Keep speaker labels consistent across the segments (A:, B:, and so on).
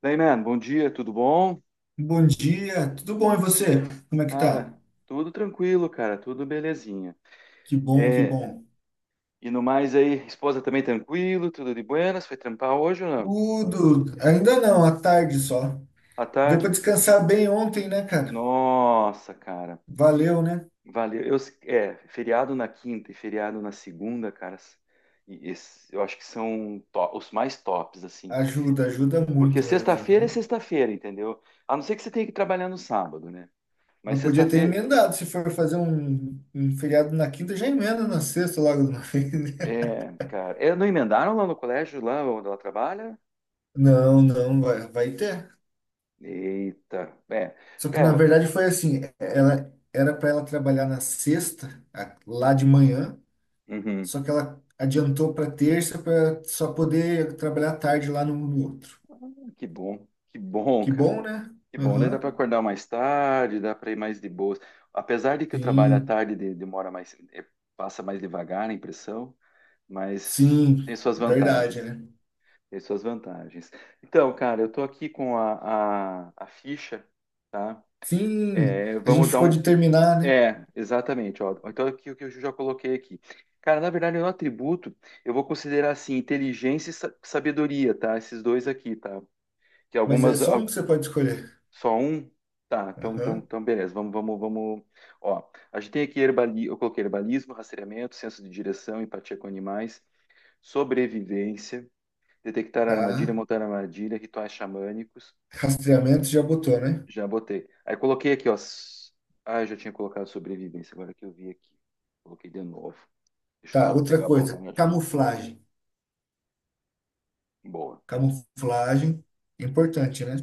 A: Daí, man, bom dia, tudo bom?
B: Bom dia, tudo bom e você? Como é que tá?
A: Cara, tudo tranquilo, cara, tudo belezinha.
B: Que bom, que
A: É,
B: bom.
A: e no mais aí, esposa também tranquilo, tudo de buenas, foi trampar hoje ou não?
B: Tudo, ainda não, à tarde só.
A: À
B: Deu
A: tarde?
B: pra descansar bem ontem, né, cara?
A: Nossa, cara,
B: Valeu, né?
A: valeu. Feriado na quinta e feriado na segunda, cara, e eu acho que são os mais tops, assim.
B: Ajuda, ajuda
A: Porque
B: muito mesmo.
A: sexta-feira é
B: Aham.
A: sexta-feira, entendeu? A não ser que você tenha que trabalhar no sábado, né? Mas
B: Mas podia ter
A: sexta-feira,
B: emendado, se for fazer um feriado na quinta, já emenda na sexta logo de uma vez. Né?
A: cara, não emendaram lá no colégio, lá onde ela trabalha?
B: Não, não, vai, vai ter.
A: Eita, é,
B: Só que na
A: cara,
B: verdade foi assim, ela era para ela trabalhar na sexta, lá de manhã.
A: uhum.
B: Só que ela adiantou para terça para só poder trabalhar tarde lá no outro.
A: Que bom, que bom,
B: Que
A: cara,
B: bom, né?
A: que bom, daí dá
B: Aham.
A: para acordar mais tarde, dá para ir mais de boas, apesar de que o trabalho à
B: Sim,
A: tarde demora mais, é, passa mais devagar a impressão, mas tem
B: sim,
A: suas
B: é verdade,
A: vantagens,
B: né?
A: tem suas vantagens. Então, cara, eu tô aqui com a ficha, tá?
B: Sim,
A: É,
B: a gente
A: vamos dar
B: ficou
A: um,
B: de terminar, né?
A: é, exatamente. Ó. Então, aqui o que eu já coloquei aqui. Cara, na verdade, no atributo, eu vou considerar assim, inteligência e sabedoria, tá? Esses dois aqui, tá? Que
B: Mas é
A: algumas.
B: só um que você pode escolher.
A: Só um. Tá, então, então,
B: Aham,
A: então beleza. Vamos, vamos, vamos. Ó, a gente tem aqui eu coloquei herbalismo, rastreamento, senso de direção, empatia com animais, sobrevivência, detectar armadilha,
B: tá.
A: montar armadilha, rituais xamânicos.
B: Rastreamento já botou, né?
A: Já botei. Aí coloquei aqui, ó. Ah, eu já tinha colocado sobrevivência, agora que eu vi aqui. Coloquei de novo. Deixa eu
B: Tá,
A: só
B: outra
A: pegar a
B: coisa,
A: borracha.
B: camuflagem.
A: Boa.
B: Camuflagem, é importante, né?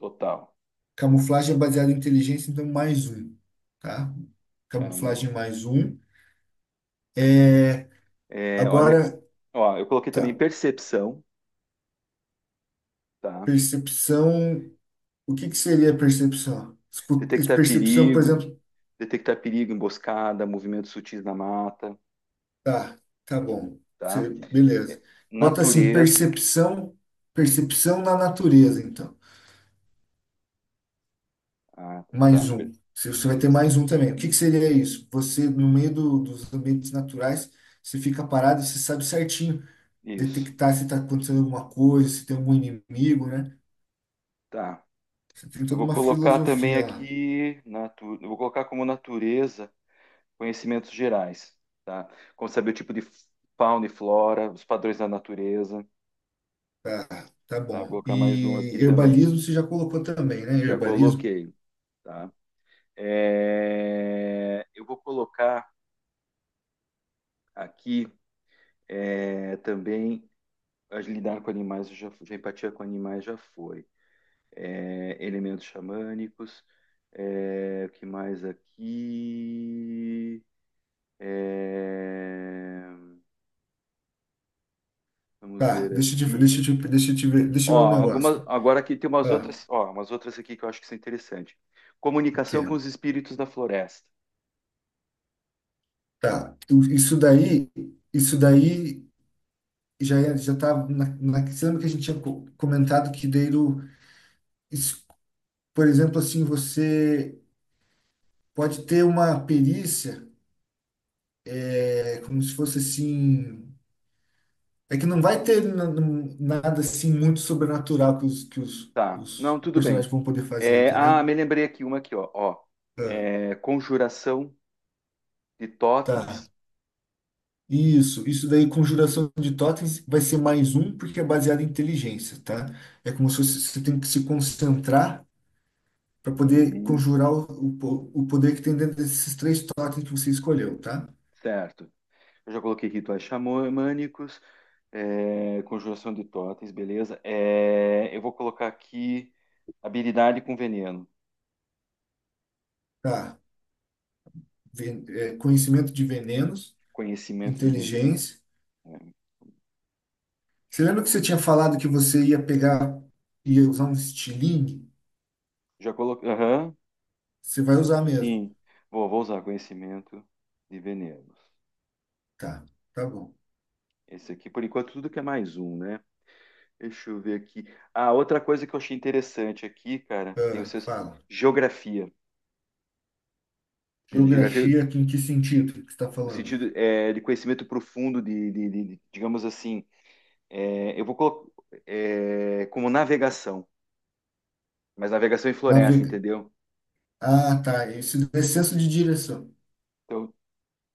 A: Total.
B: Camuflagem é baseada em inteligência, então mais um, tá?
A: Calma.
B: Camuflagem mais um. É,
A: É, olha aqui.
B: agora,
A: Ó, eu coloquei também
B: tá.
A: percepção, tá?
B: Percepção. O que que seria percepção?
A: Detectar
B: Percepção, por
A: perigo,
B: exemplo.
A: detectar perigo, emboscada, movimentos sutis na mata,
B: Tá, tá bom.
A: tá?
B: Beleza.
A: É,
B: Bota assim,
A: natureza.
B: percepção, percepção na natureza, então.
A: Ah, tá.
B: Mais um. Você vai ter
A: Percepção.
B: mais um também. O que que seria isso? Você, no meio dos ambientes naturais, você fica parado, você sabe certinho
A: Isso.
B: detectar se está acontecendo alguma coisa, se tem algum inimigo, né?
A: Tá.
B: Você tem
A: Eu
B: toda
A: vou
B: uma
A: colocar também
B: filosofia lá.
A: aqui, eu vou colocar como natureza conhecimentos gerais, tá? Como saber o tipo de fauna e flora, os padrões da natureza,
B: Tá, tá
A: tá? Vou
B: bom.
A: colocar mais um
B: E
A: aqui também.
B: herbalismo você já colocou também, né?
A: Já
B: Herbalismo.
A: coloquei, tá? Eu vou colocar aqui também lidar com animais, já empatia com animais já foi. É, elementos xamânicos, é, o que mais aqui? É, vamos
B: Tá,
A: ver
B: deixa eu te, deixa eu
A: aqui.
B: te, deixa eu te ver, deixa
A: Ó,
B: eu ver um
A: algumas,
B: negócio.
A: agora aqui tem umas
B: Ah,
A: outras, ó, umas outras aqui que eu acho que são interessantes.
B: o quê?
A: Comunicação com os espíritos da floresta.
B: Tá, isso daí já tá na, você lembra que a gente tinha comentado que daí, isso, por exemplo, assim, você pode ter uma perícia, é como se fosse assim, é que não vai ter nada assim muito sobrenatural que
A: Tá,
B: os
A: não, tudo bem.
B: personagens vão poder fazer, entendeu?
A: Me lembrei aqui uma aqui, ó. Ó.
B: Ah,
A: É, conjuração de
B: tá.
A: totens.
B: Isso daí, conjuração de totens, vai ser mais um, porque é baseado em inteligência, tá? É como se você, você tem que se concentrar para poder
A: Uhum,
B: conjurar o poder que tem dentro desses três totens que você escolheu, tá?
A: certo. Eu já coloquei rituais xamânicos, é, conjuração de totens, beleza. É, eu vou colocar aqui habilidade com veneno,
B: Tá. É, conhecimento de venenos,
A: conhecimento de veneno.
B: inteligência.
A: É,
B: Você
A: deixa eu já
B: lembra que você
A: coloquei.
B: tinha falado que você ia pegar, ia usar um estilingue?
A: Já coloquei. Aham,
B: Você vai usar mesmo.
A: sim. Vou, vou usar conhecimento de venenos.
B: Tá, tá bom.
A: Esse aqui, por enquanto, tudo que é mais um, né? Deixa eu ver aqui. Ah, outra coisa que eu achei interessante aqui, cara, tem o
B: Ah,
A: senso
B: fala.
A: geografia. Geografia,
B: Geografia, em que sentido que você está
A: no
B: falando?
A: sentido de conhecimento profundo digamos assim, é, eu vou colocar é, como navegação, mas navegação em floresta,
B: Navega.
A: entendeu?
B: Ah, tá. Esse senso de direção.
A: Então,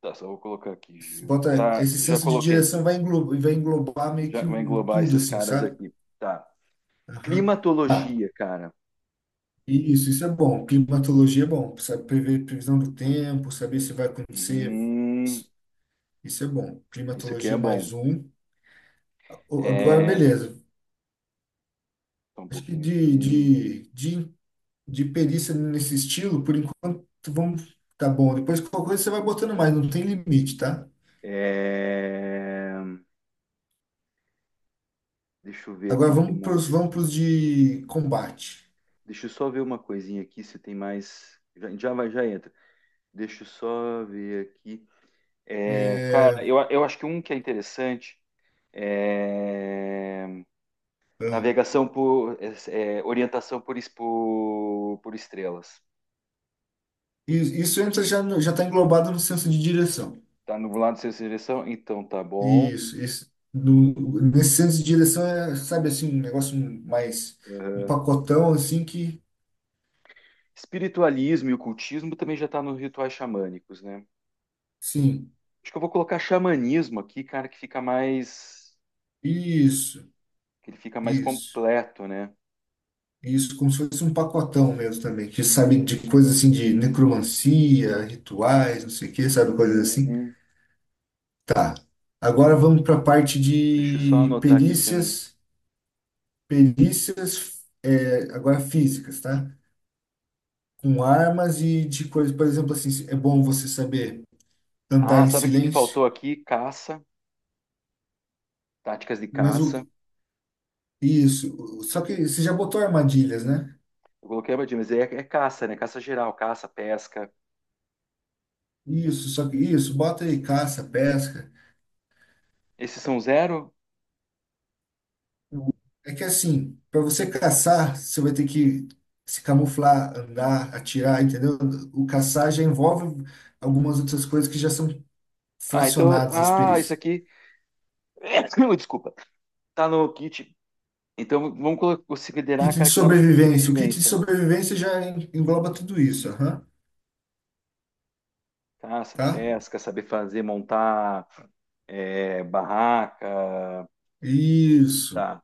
A: tá, só vou colocar aqui.
B: Bota,
A: Ah,
B: esse
A: já
B: senso de
A: coloquei.
B: direção vai englobar meio
A: Já
B: que
A: vou englobar
B: tudo,
A: esses
B: assim,
A: caras
B: sabe?
A: aqui. Tá.
B: Aham. Tá.
A: Climatologia, cara.
B: E isso é bom. Climatologia é bom. Sabe, prever previsão do tempo, saber se vai acontecer.
A: Uhum,
B: Isso é bom.
A: isso aqui é
B: Climatologia
A: bom.
B: mais um. Agora,
A: É,
B: beleza.
A: só um
B: Acho que
A: pouquinho aqui.
B: de perícia nesse estilo, por enquanto, vamos. Tá bom. Depois, qualquer coisa você vai botando mais, não tem limite, tá?
A: É, deixa eu ver aqui
B: Agora
A: o que
B: vamos para os vamos
A: mais.
B: pros de combate.
A: Deixa eu só ver uma coisinha aqui se tem mais. Já, já vai, já entra. Deixa eu só ver aqui. É, cara,
B: É,
A: eu acho que um que é interessante é
B: ah,
A: navegação por orientação por estrelas.
B: isso entra já já está englobado no senso de direção.
A: Tá no lado sem direção? Então tá bom.
B: Isso no, nesse senso de direção é, sabe assim, um negócio mais um pacotão assim que,
A: Espiritualismo e ocultismo também já tá nos rituais xamânicos, né?
B: sim,
A: Acho que eu vou colocar xamanismo aqui, cara, que fica mais
B: isso,
A: que ele fica mais
B: isso,
A: completo, né?
B: isso como se fosse um pacotão mesmo também, que sabe de coisas assim de necromancia, rituais, não sei o que, sabe coisas assim.
A: Uhum.
B: Tá.
A: Só
B: Agora
A: um
B: vamos
A: pouco.
B: para a parte
A: Deixa eu só
B: de
A: anotar aqui se. Não-
B: perícias, perícias, é, agora físicas, tá? Com armas e de coisas, por exemplo, assim, é bom você saber andar
A: Ah,
B: em
A: sabe o que que
B: silêncio,
A: faltou aqui? Caça, táticas de
B: mas
A: caça.
B: o isso, só que você já botou armadilhas, né?
A: Eu coloquei abadinha, mas é caça, né? Caça geral, caça, pesca.
B: Isso, só que isso, bota aí caça, pesca.
A: Esses são zero?
B: É que assim, para você caçar, você vai ter que se camuflar, andar, atirar, entendeu? O caçar já envolve algumas outras coisas que já são
A: Ah, então.
B: fracionadas as
A: Ah, isso
B: perícias.
A: aqui. Desculpa. Tá no kit. Então vamos
B: Kit
A: considerar,
B: de
A: cara, que tá no kit
B: sobrevivência. O kit de
A: sobrevivência.
B: sobrevivência já engloba tudo isso, aham,
A: Caça,
B: tá?
A: pesca, saber fazer, montar barraca.
B: Isso.
A: Tá.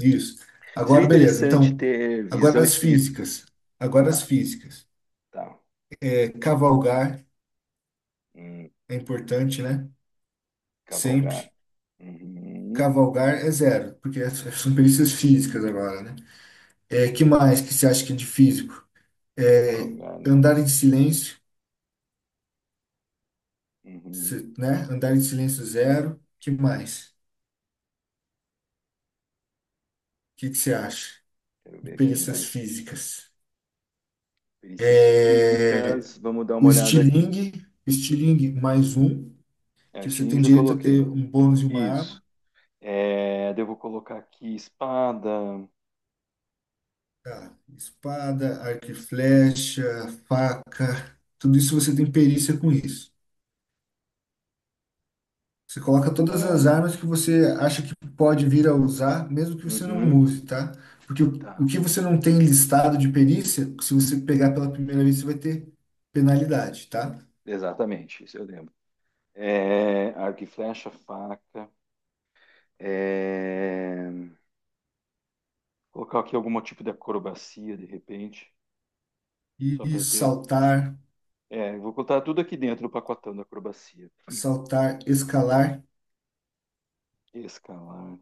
B: Isso.
A: Seria
B: Agora, beleza.
A: interessante
B: Então,
A: ter
B: agora
A: visão
B: as
A: espírito.
B: físicas. Agora as
A: Tá,
B: físicas.
A: tá.
B: É, cavalgar
A: Hum,
B: é importante, né?
A: cavalgar.
B: Sempre.
A: Uhum.
B: Cavalgar é zero, porque são perícias físicas agora, né? É, que mais que você acha que é de físico? É,
A: Salgado.
B: andar em silêncio,
A: Uhum.
B: né? Andar em silêncio, zero. Que mais? O que que você acha
A: Quero
B: de
A: ver aqui andar
B: perícias
A: em
B: físicas?
A: perícias
B: É,
A: físicas. Vamos dar
B: o
A: uma olhada aqui.
B: estilingue, estilingue mais um,
A: É,
B: que você
A: estilingue
B: tem
A: eu já
B: direito a ter
A: coloquei.
B: um bônus e uma arma.
A: Isso. É, daí eu vou colocar aqui espada.
B: Tá. Espada, arco e flecha, faca, tudo isso você tem perícia com isso. Você coloca todas as
A: Zero.
B: armas que você acha que pode vir a usar, mesmo que você não
A: Uhum.
B: use, tá? Porque o
A: Tá.
B: que você não tem listado de perícia, se você pegar pela primeira vez, você vai ter penalidade, tá?
A: Exatamente. Isso eu lembro. É, arco e flecha, faca. É, colocar aqui algum tipo de acrobacia, de repente, só
B: E
A: para ter.
B: saltar,
A: É, eu vou colocar tudo aqui dentro do pacotão da acrobacia.
B: saltar, escalar,
A: Escalar,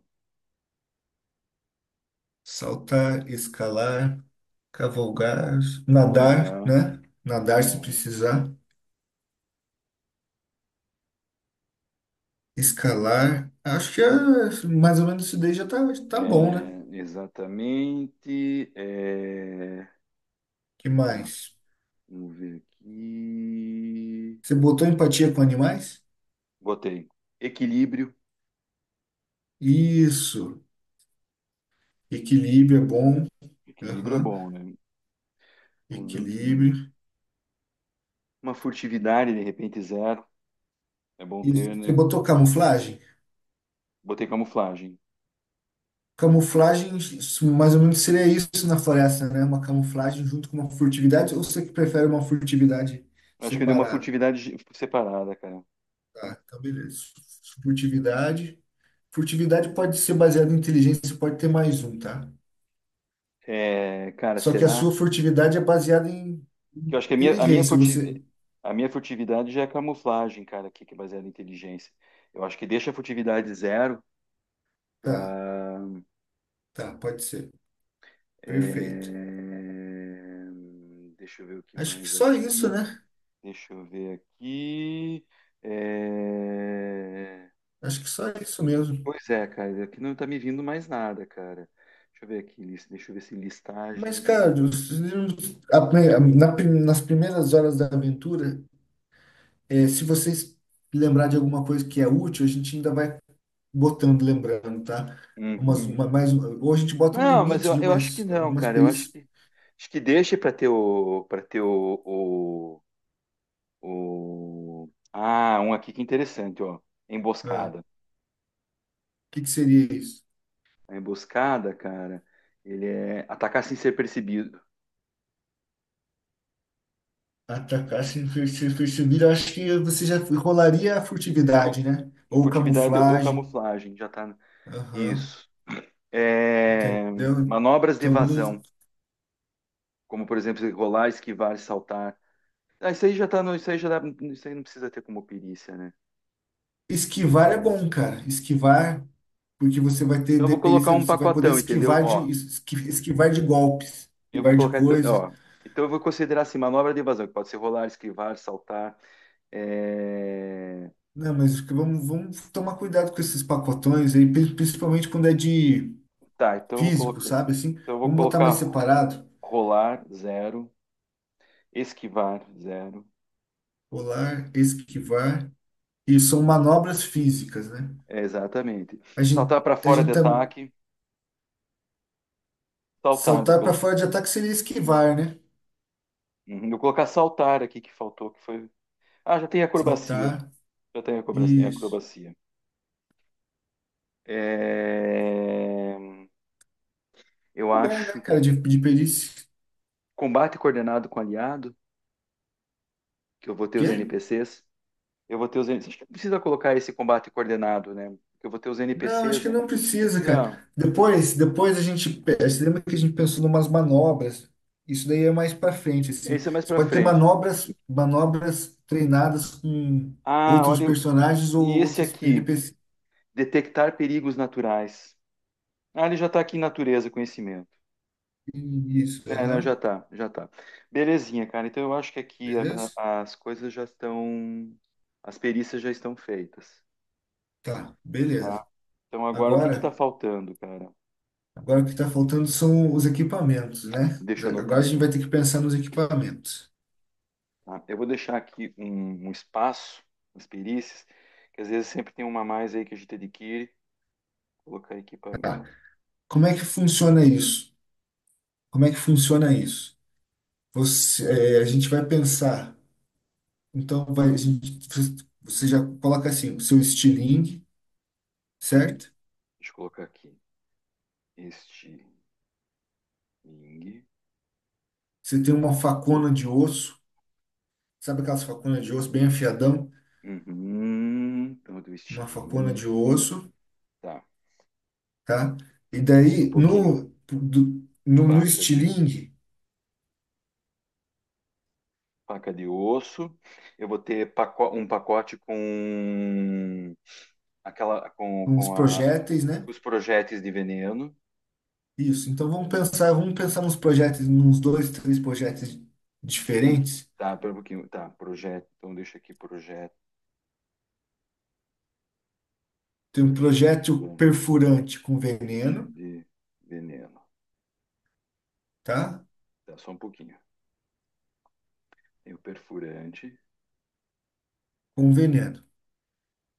B: saltar, escalar, cavalgar, nadar,
A: cavalgar,
B: né? Nadar se
A: nadar,
B: precisar escalar. Acho que é, mais ou menos isso daí já tá, tá bom, né?
A: é, exatamente. É,
B: Que
A: tá,
B: mais?
A: vamos ver aqui.
B: Você botou empatia com animais?
A: Botei. Equilíbrio.
B: Isso. Equilíbrio é bom.
A: Equilíbrio é
B: Aham.
A: bom, né? Vamos ver o que. Um,
B: Equilíbrio.
A: Uma furtividade, de repente, zero. É bom
B: Isso.
A: ter,
B: Você
A: né?
B: botou camuflagem?
A: Botei camuflagem.
B: Camuflagem, isso mais ou menos seria isso na floresta, né? Uma camuflagem junto com uma furtividade, ou você que prefere uma furtividade
A: Acho que eu dei uma
B: separada?
A: furtividade separada, cara.
B: Tá, então beleza. Furtividade. Furtividade pode ser baseada em inteligência, pode ter mais um, tá?
A: É, cara,
B: Só que a sua
A: será?
B: furtividade é baseada em
A: Que eu acho que
B: inteligência. Você.
A: a minha furtividade já é camuflagem, cara, aqui, que é baseada em inteligência. Eu acho que deixa a furtividade zero
B: Tá,
A: para
B: tá, pode ser.
A: é,
B: Perfeito.
A: deixa eu ver o que
B: Acho que
A: mais
B: só isso,
A: aqui.
B: né?
A: Deixa eu ver aqui. É,
B: Acho que só isso mesmo.
A: pois é, cara, aqui não tá me vindo mais nada, cara. Deixa eu ver se
B: Mas,
A: listagem
B: cara,
A: de.
B: a- na- nas primeiras horas da aventura, é, se vocês lembrar de alguma coisa que é útil, a gente ainda vai botando, lembrando, tá? Umas,
A: Uhum.
B: uma, mais, um, ou a gente bota um
A: Não, mas
B: limite de
A: eu acho que
B: umas,
A: não,
B: algumas
A: cara. Eu
B: perícias.
A: acho que deixa para ter o para ter ah, um aqui que é interessante, ó.
B: Ah,
A: Emboscada.
B: o que que seria isso?
A: A emboscada, cara, ele é atacar sem ser percebido,
B: Atacar sem ser percebido, eu acho que você já rolaria a furtividade,
A: Cu-
B: né? Ou
A: furtividade ou
B: camuflagem.
A: camuflagem, já tá.
B: Aham,
A: Isso. É,
B: entendeu?
A: manobras de
B: Então, não...
A: evasão, como por exemplo, rolar, esquivar, saltar. Ah, isso aí já tá no, isso aí não precisa ter como perícia, né?
B: Esquivar é bom, cara. Esquivar, porque você vai ter
A: Então eu vou colocar
B: dependência,
A: um
B: você vai poder
A: pacotão, entendeu?
B: esquivar de,
A: Ó,
B: esquivar de golpes,
A: eu vou
B: esquivar de
A: colocar, então-
B: coisas.
A: ó, então eu vou considerar assim, manobra de evasão, que pode ser rolar, esquivar, saltar. É,
B: Não, mas que vamos, vamos tomar cuidado com esses pacotões aí, principalmente quando é de
A: tá,
B: físico, sabe? Assim,
A: então eu vou
B: vamos botar mais
A: colocar
B: separado.
A: rolar, zero, esquivar, zero,
B: Rolar, esquivar. E são manobras físicas, né?
A: é, exatamente.
B: A gente,
A: Saltar para
B: a
A: fora
B: gente
A: de
B: tá,
A: ataque. Saltar, vou
B: saltar para
A: colocar.
B: fora de ataque seria esquivar, né?
A: Uhum, vou colocar saltar aqui que faltou, que foi. Ah, já tem acrobacia.
B: Saltar.
A: Já tem
B: Isso.
A: acrobacia. É, eu
B: Tá bom, né,
A: acho
B: cara, de perícia.
A: combate coordenado com aliado, que eu vou ter os
B: Quê?
A: NPCs. Eu vou ter os NPCs. Acho que não precisa colocar esse combate coordenado, né? Porque eu vou ter os
B: Não, acho
A: NPCs,
B: que
A: né?
B: não precisa, cara.
A: Não,
B: Depois, depois a gente, você lembra que a gente pensou em umas manobras? Isso daí é mais para frente, assim.
A: esse é mais
B: Você
A: para
B: pode ter
A: frente.
B: manobras, manobras treinadas com
A: Ah,
B: outros
A: olha,
B: personagens ou
A: e esse
B: outros
A: aqui,
B: NPCs.
A: detectar perigos naturais. Ah, ele já está aqui em natureza, conhecimento.
B: Isso,
A: É, não, já
B: aham.
A: tá, já tá. Belezinha, cara. Então eu acho que
B: Beleza?
A: as coisas já estão, as perícias já estão feitas,
B: Tá,
A: tá?
B: beleza.
A: Então agora o que que tá
B: Agora
A: faltando, cara?
B: agora o que está faltando são os equipamentos, né?
A: Deixa eu anotar
B: Agora a gente
A: aqui,
B: vai ter que pensar nos equipamentos.
A: tá? Eu vou deixar aqui um espaço nas perícias, que às vezes sempre tem uma a mais aí que a gente adquire. Colocar equipamento.
B: Tá. Como é que funciona isso? Como é que funciona isso? Você, é, a gente vai pensar. Então, vai, a gente, você já coloca assim, o seu estilingue,
A: Sim,
B: certo?
A: deixa eu colocar aqui. Estilingue.
B: Você tem uma
A: Opa.
B: facona de osso, sabe aquelas faconas de osso bem afiadão?
A: Uhum, então do
B: Uma facona
A: estilingue.
B: de osso,
A: Tá,
B: tá? E
A: um
B: daí,
A: pouquinho.
B: no
A: Faca de
B: estilingue,
A: Faca de osso. Eu vou ter um pacote com aquela
B: com os
A: com a-
B: projéteis, né?
A: os projéteis de veneno.
B: Isso. Então vamos pensar nos projetos, nos dois, três projetos diferentes.
A: Tá, pera um pouquinho. Tá, projeto. Então deixa aqui projeto.
B: Tem um
A: Projete
B: projeto perfurante com veneno,
A: de veneno.
B: tá?
A: Tá, só um pouquinho. Tem o perfurante.
B: Com veneno. O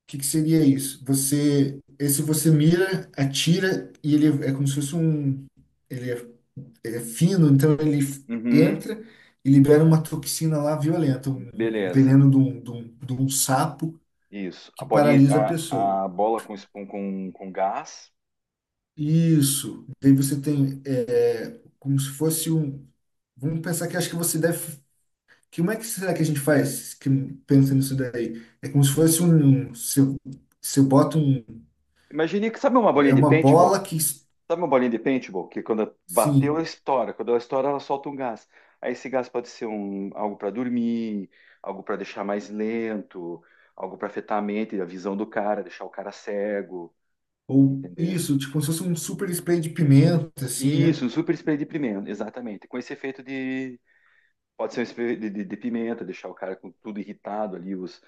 B: que que seria isso? Você, esse você mira, atira e ele é como se fosse um, ele é, ele é fino, então ele
A: Uhum,
B: entra e libera uma toxina lá violenta, um
A: beleza.
B: veneno de um sapo
A: Isso.
B: que paralisa a pessoa.
A: A bola com gás.
B: Isso. Daí você tem é, como se fosse um. Vamos pensar que acho que você deve. Que, como é que será que a gente faz que, pensa nisso daí? É como se fosse se eu, se eu boto um.
A: Imagine que sabe uma bolinha
B: É
A: de
B: uma bola
A: paintball?
B: que.
A: Sabe uma bolinha de paintball que quando bateu, ela
B: Sim.
A: estoura. Quando ela estoura, ela solta um gás. Aí esse gás pode ser algo para dormir, algo para deixar mais lento, algo para afetar a mente, a visão do cara, deixar o cara cego,
B: Ou
A: entendeu?
B: isso, tipo, como se fosse um super spray de pimenta, assim, né?
A: Isso, um super spray de pimenta, exatamente. Com esse efeito de. Pode ser um spray de pimenta, deixar o cara com tudo irritado ali, os,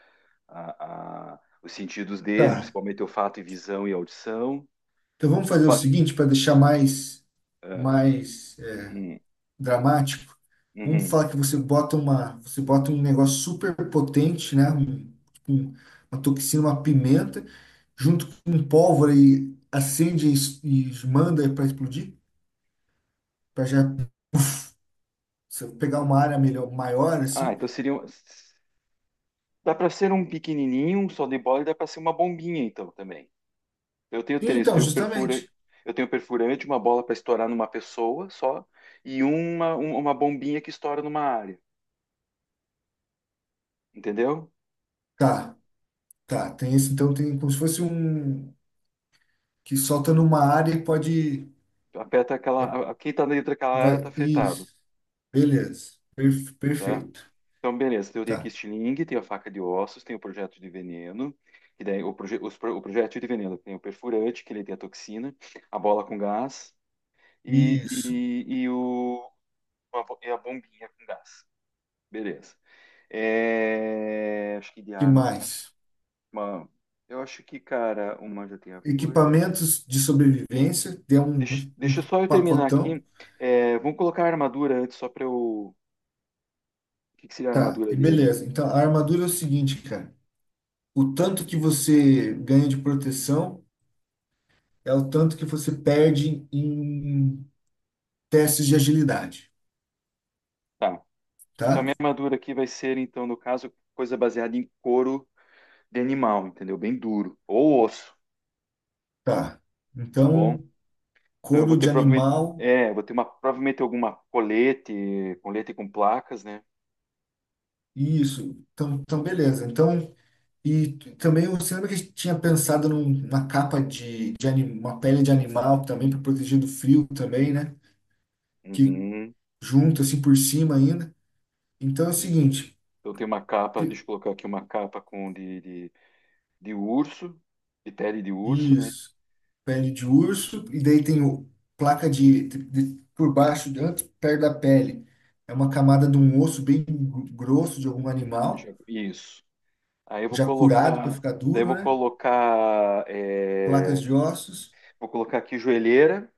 A: a- a- os sentidos dele,
B: Tá.
A: principalmente olfato e visão e audição.
B: Então vamos fazer o
A: Olfato-
B: seguinte para deixar mais,
A: ah,
B: mais é,
A: hum,
B: dramático. Vamos
A: uhum.
B: falar que você bota uma, você bota um negócio super potente, né? Um- uma toxina, uma pimenta, junto com um pólvora e acende e e manda para explodir, para já se pegar uma área melhor, maior,
A: Ah,
B: assim.
A: então seria. Dá para ser um pequenininho, um só de bola, e dá para ser uma bombinha, então, também. Eu tenho
B: E
A: três,
B: então, justamente.
A: eu tenho perfurante, uma bola para estourar numa pessoa só, e uma bombinha que estoura numa área, entendeu?
B: Tá, tá. Tem esse, então tem como se fosse um que solta numa área e pode. É,
A: Quem tá dentro daquela área tá
B: vai,
A: afetado,
B: isso. Beleza.
A: tá?
B: Perfeito.
A: Então, beleza, então eu tenho aqui
B: Tá.
A: estilingue, tenho a faca de ossos, tenho o projeto de veneno, que daí o projeto de veneno tem o perfurante, que ele tem a toxina, a bola com gás, e,
B: Isso.
A: e, e, o, e a bombinha com gás. Beleza. É, acho que de
B: Que
A: arma que mais.
B: mais?
A: Mano, cara, uma já tem a coisa.
B: Equipamentos de sobrevivência, tem um,
A: Deixa,
B: um
A: deixa só eu terminar
B: pacotão.
A: aqui. É, vamos colocar a armadura antes, só pra eu. O que que seria a
B: Tá,
A: armadura
B: e
A: dele?
B: beleza. Então, a armadura é o seguinte, cara. O tanto que você ganha de proteção é o tanto que você perde em testes de agilidade,
A: Tá. Então, a
B: tá?
A: minha armadura aqui vai ser, então, no caso, coisa baseada em couro de animal, entendeu? Bem duro. Ou osso,
B: Tá.
A: tá bom?
B: Então,
A: Então eu
B: couro
A: vou ter
B: de
A: provavelmente.
B: animal,
A: É, eu vou ter provavelmente alguma colete, colete com placas, né?
B: isso. Então, então beleza. Então, e também você lembra que a gente tinha pensado numa capa uma pele de animal também para proteger do frio também, né? Que
A: Uhum.
B: junto assim por cima ainda. Então é o seguinte,
A: Então tem uma capa,
B: pi-
A: deixa eu colocar aqui uma capa de urso, de pele de urso, né?
B: isso, pele de urso, e daí tem placa por baixo, antes, perto da pele. É uma camada de um osso bem grosso de algum animal,
A: Isso. Aí eu vou
B: já curado para
A: colocar,
B: ficar
A: daí eu
B: duro,
A: vou
B: né?
A: colocar,
B: Placas
A: é,
B: de ossos,
A: vou colocar aqui joelheira.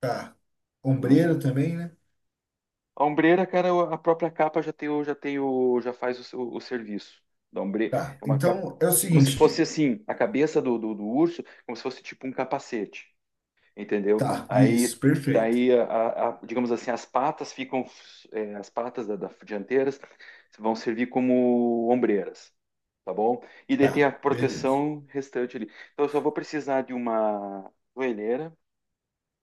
B: tá.
A: Tá, uma jo-
B: Ombreira também, né?
A: A ombreira, cara, a própria capa já faz o serviço da ombre,
B: Tá.
A: é uma capa,
B: Então é o
A: como se fosse
B: seguinte,
A: assim, a cabeça do urso, como se fosse tipo um capacete, entendeu?
B: tá, isso,
A: Aí,
B: perfeito.
A: daí, digamos assim, as patas ficam, é, as patas da dianteiras vão servir como ombreiras. Tá bom? E daí tem
B: Tá,
A: a
B: beleza.
A: proteção restante ali. Então eu só vou precisar de uma joelheira,